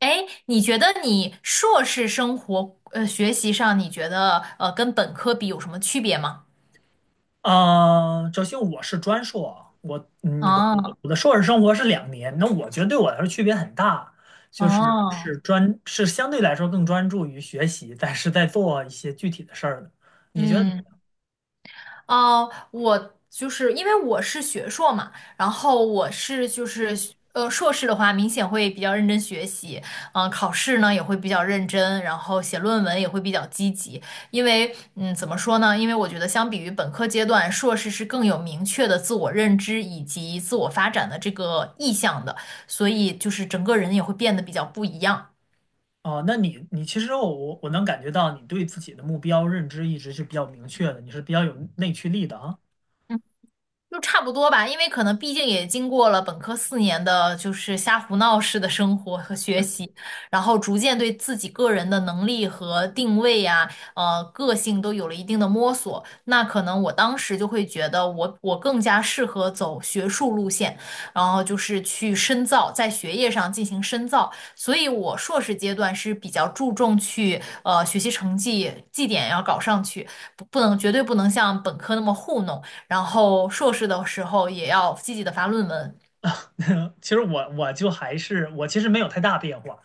哎，你觉得你硕士生活学习上，你觉得跟本科比有什么区别吗？首先我是专硕，我嗯，我哦我的硕士生活是2年，那我觉得对我来说区别很大，就是哦，是专是相对来说更专注于学习，但是在做一些具体的事儿的。你觉得怎嗯。么我就是因为我是学硕嘛，然后我是就是呃硕士的话，明显会比较认真学习，嗯、考试呢也会比较认真，然后写论文也会比较积极，因为怎么说呢？因为我觉得相比于本科阶段，硕士是更有明确的自我认知以及自我发展的这个意向的，所以就是整个人也会变得比较不一样。样哦，那你其实我能感觉到你对自己的目标认知一直是比较明确的，你是比较有内驱力的啊。就差不多吧，因为可能毕竟也经过了本科四年的，就是瞎胡闹式的生活和学习，然后逐渐对自己个人的能力和定位呀、个性都有了一定的摸索。那可能我当时就会觉得我更加适合走学术路线，然后就是去深造，在学业上进行深造。所以我硕士阶段是比较注重去学习成绩绩点要搞上去，不能绝对不能像本科那么糊弄。然后硕士的时候也要积极的发论文。其实我就还是我其实没有太大变化，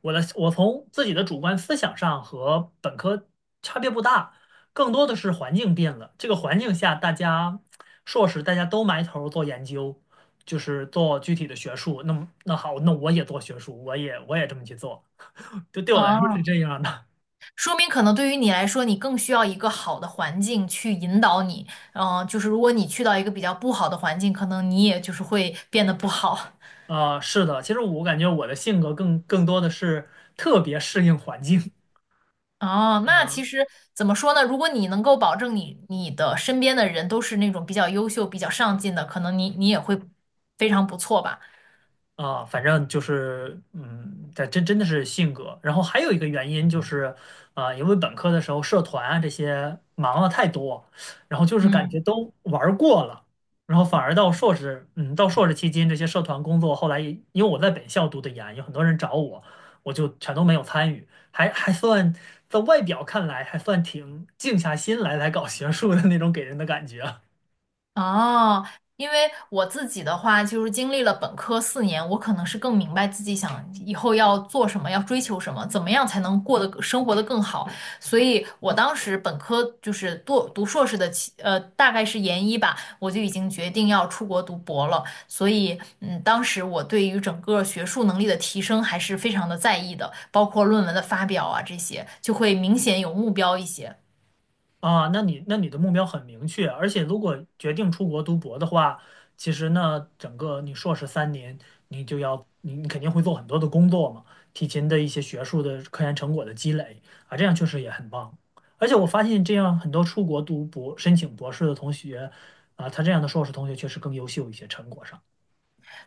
我从自己的主观思想上和本科差别不大，更多的是环境变了。这个环境下，硕士大家都埋头做研究，就是做具体的学术。那好，那我也做学术，我也这么去做，就对我来说是哦，这样的。说明可能对于你来说，你更需要一个好的环境去引导你。嗯、就是如果你去到一个比较不好的环境，可能你也就是会变得不好。啊、是的，其实我感觉我的性格更多的是特别适应环境。哦，那啊其实怎么说呢？如果你能够保证你的身边的人都是那种比较优秀、比较上进的，可能你也会非常不错吧。啊，反正就是，嗯，这真的是性格。然后还有一个原因就是，啊、因为本科的时候社团啊这些忙了太多，然后就是感嗯。觉都玩儿过了，然后反而到硕士期间这些社团工作，后来也因为我在本校读的研，有很多人找我，我就全都没有参与，还算在外表看来还算挺静下心来搞学术的那种给人的感觉。哦，因为我自己的话，就是经历了本科四年，我可能是更明白自己想以后要做什么，要追求什么，怎么样才能过得生活得更好。所以我当时本科就是读硕士的期，呃，大概是研一吧，我就已经决定要出国读博了。所以，嗯，当时我对于整个学术能力的提升还是非常的在意的，包括论文的发表啊这些，就会明显有目标一些。啊，那你的目标很明确，而且如果决定出国读博的话，其实呢，整个你硕士三年，你就要你你肯定会做很多的工作嘛，提前的一些学术的科研成果的积累啊，这样确实也很棒。而且我发现这样很多出国读博申请博士的同学啊，他这样的硕士同学确实更优秀一些，成果上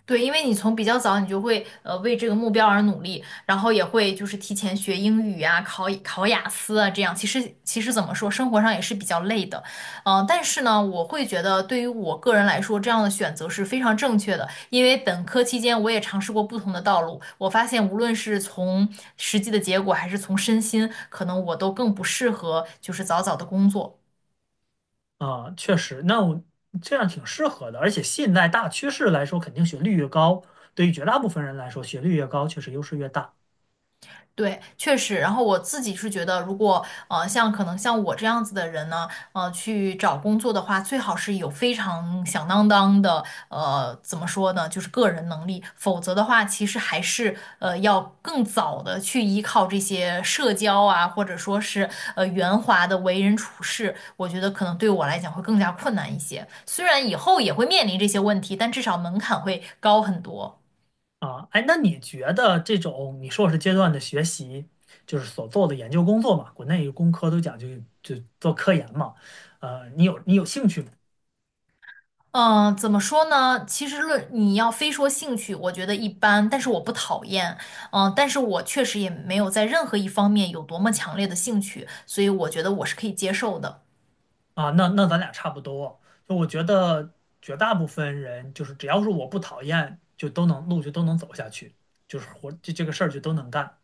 对，因为你从比较早，你就会为这个目标而努力，然后也会就是提前学英语啊，考雅思啊，这样其实怎么说，生活上也是比较累的，嗯、但是呢，我会觉得对于我个人来说，这样的选择是非常正确的，因为本科期间我也尝试过不同的道路，我发现无论是从实际的结果，还是从身心，可能我都更不适合就是早早的工作。啊，确实，那我这样挺适合的，而且现在大趋势来说，肯定学历越高，对于绝大部分人来说，学历越高确实优势越大。对，确实。然后我自己是觉得，如果像可能像我这样子的人呢，呃，去找工作的话，最好是有非常响当当的怎么说呢，就是个人能力，否则的话，其实还是要更早的去依靠这些社交啊，或者说是圆滑的为人处事，我觉得可能对我来讲会更加困难一些。虽然以后也会面临这些问题，但至少门槛会高很多。啊，哎，那你觉得这种你硕士阶段的学习，就是所做的研究工作嘛，国内工科都讲究就做科研嘛，你有兴趣吗？嗯，怎么说呢？其实论你要非说兴趣，我觉得一般，但是我不讨厌，嗯，但是我确实也没有在任何一方面有多么强烈的兴趣，所以我觉得我是可以接受的。啊，那咱俩差不多，就我觉得绝大部分人就是只要是我不讨厌，就都能走下去，就是活这个事儿就都能干。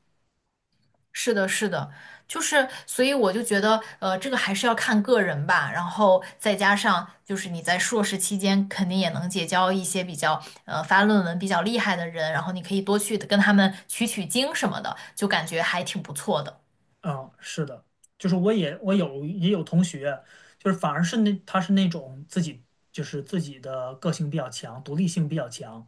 是的，是的，就是，所以我就觉得，呃，这个还是要看个人吧，然后再加上就是你在硕士期间肯定也能结交一些比较，呃，发论文比较厉害的人，然后你可以多去跟他们取取经什么的，就感觉还挺不错的。嗯，是的，就是我有同学，就是反而他是那种自己就是自己的个性比较强，独立性比较强，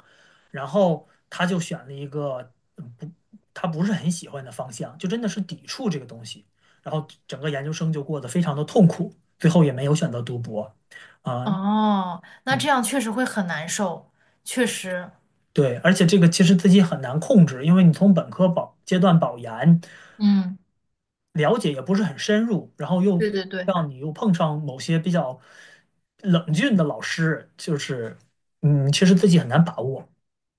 然后他就选了一个嗯不他不是很喜欢的方向，就真的是抵触这个东西，然后整个研究生就过得非常的痛苦，最后也没有选择读博啊，哦，那这嗯，样确实会很难受，确实，对，而且这个其实自己很难控制，因为你从本科阶段保研。嗯，了解也不是很深入，然后又对对对，让你又碰上某些比较冷峻的老师，就是，其实自己很难把握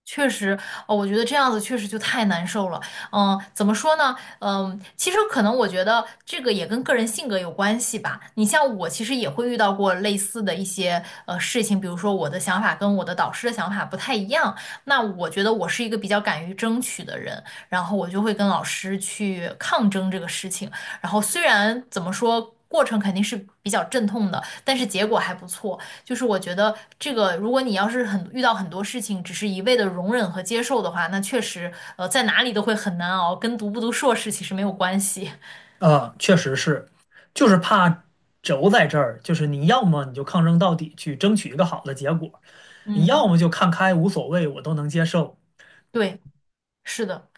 确实，哦，我觉得这样子确实就太难受了。嗯，怎么说呢？嗯，其实可能我觉得这个也跟个人性格有关系吧。你像我，其实也会遇到过类似的一些事情，比如说我的想法跟我的导师的想法不太一样。那我觉得我是一个比较敢于争取的人，然后我就会跟老师去抗争这个事情。然后虽然怎么说，过程肯定是比较阵痛的，但是结果还不错。就是我觉得这个，如果你要是遇到很多事情，只是一味的容忍和接受的话，那确实，呃，在哪里都会很难熬，跟读不读硕士其实没有关系。啊，确实是，就是怕轴在这儿，就是你要么你就抗争到底去争取一个好的结果，你嗯，要么就看开无所谓，我都能接受。对，是的，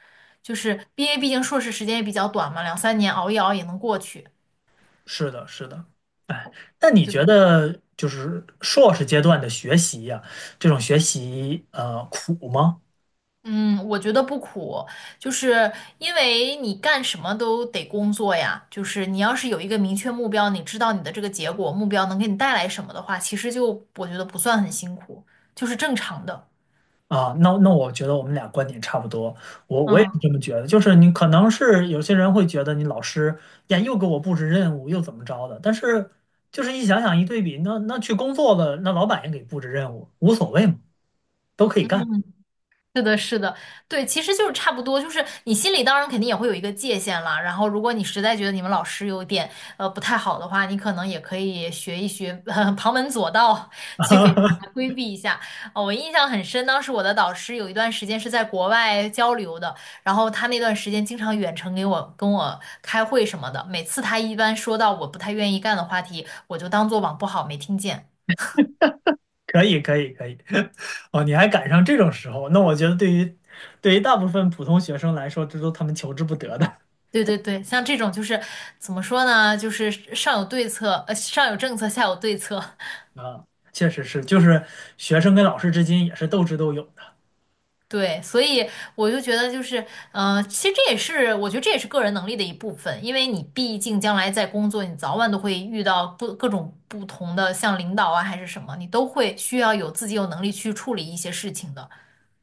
毕竟硕士时间也比较短嘛，两三年熬一熬也能过去。是的，是的，哎，那你对，觉得就是硕士阶段的学习呀、这种学习苦吗？嗯，我觉得不苦，就是因为你干什么都得工作呀。就是你要是有一个明确目标，你知道你的这个结果，目标能给你带来什么的话，其实就我觉得不算很辛苦，就是正常的。啊，那我觉得我们俩观点差不多，我也是嗯。这么觉得。就是你可能是有些人会觉得你老师呀又给我布置任务又怎么着的，但是就是一想想一对比，那去工作的那老板也给布置任务，无所谓嘛，都可以干。是的，是的，对，其实就是差不多，就是你心里当然肯定也会有一个界限了。然后，如果你实在觉得你们老师有点不太好的话，你可能也可以学一学、旁门左道去给 他规避一下。哦，我印象很深，当时我的导师有一段时间是在国外交流的，然后他那段时间经常远程跟我开会什么的。每次他一般说到我不太愿意干的话题，我就当做网不好没听见。可以可以可以，哦，你还赶上这种时候，那我觉得对于大部分普通学生来说，这都他们求之不得的 对对对，像这种就是怎么说呢？就是上有政策，下有对策。啊，确实是，就是学生跟老师之间也是斗智斗勇的。对，所以我就觉得就是，呃，其实这也是我觉得这也是个人能力的一部分，因为你毕竟将来在工作，你早晚都会遇到不各种不同的，像领导啊还是什么，你都会需要有自己有能力去处理一些事情的。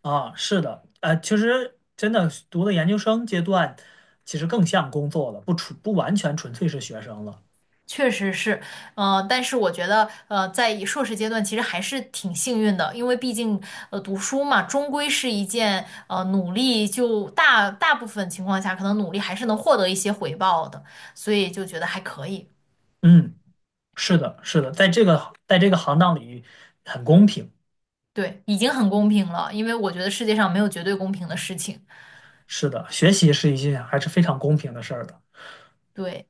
啊，是的，其实真的读的研究生阶段，其实更像工作了，不完全纯粹是学生了。确实是，呃，但是我觉得，呃，在硕士阶段其实还是挺幸运的，因为毕竟，呃，读书嘛，终归是一件，呃，努力大部分情况下，可能努力还是能获得一些回报的，所以就觉得还可以，嗯，是的，是的，在这个行当里很公平。对，已经很公平了，因为我觉得世界上没有绝对公平的事情，是的，学习是一件还是非常公平的事儿的。对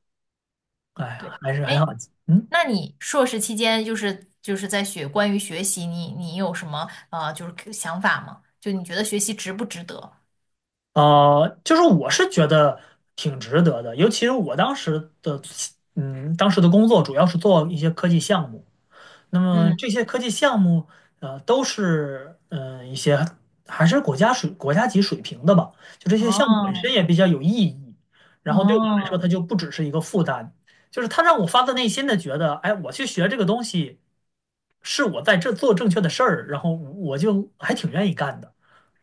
哎呀，对，还是很好。哎，嗯，那你硕士期间就是在学关于学习你，你有什么就是想法吗？就你觉得学习值不值得？就是我是觉得挺值得的，尤其是我当时的工作主要是做一些科技项目。那么嗯，这些科技项目，都是一些还是国家级水平的吧。就这些项目本身哦。也比较有意义，然后对我来说，它哦，就不只是一个负担，就是它让我发自内心的觉得，哎，我去学这个东西是我在这做正确的事儿，然后我就还挺愿意干的。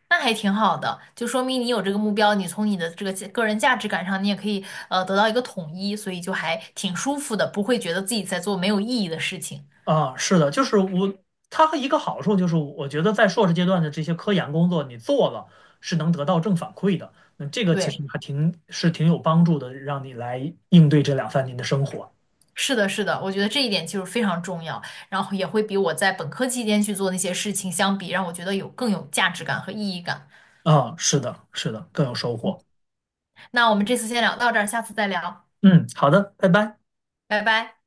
那还挺好的，就说明你有这个目标，你从你的这个个人价值感上，你也可以得到一个统一，所以就还挺舒服的，不会觉得自己在做没有意义的事情。啊，是的，就是我，它和一个好处就是，我觉得在硕士阶段的这些科研工作，你做了是能得到正反馈的，那这个其实对，还挺是挺有帮助的，让你来应对这两三年的生活。是的，是的，我觉得这一点就是非常重要，然后也会比我在本科期间去做那些事情相比，让我觉得有更有价值感和意义感。啊，是的，是的，更有收获。那我们这次先聊到这儿，下次再聊，嗯，好的，拜拜。拜拜。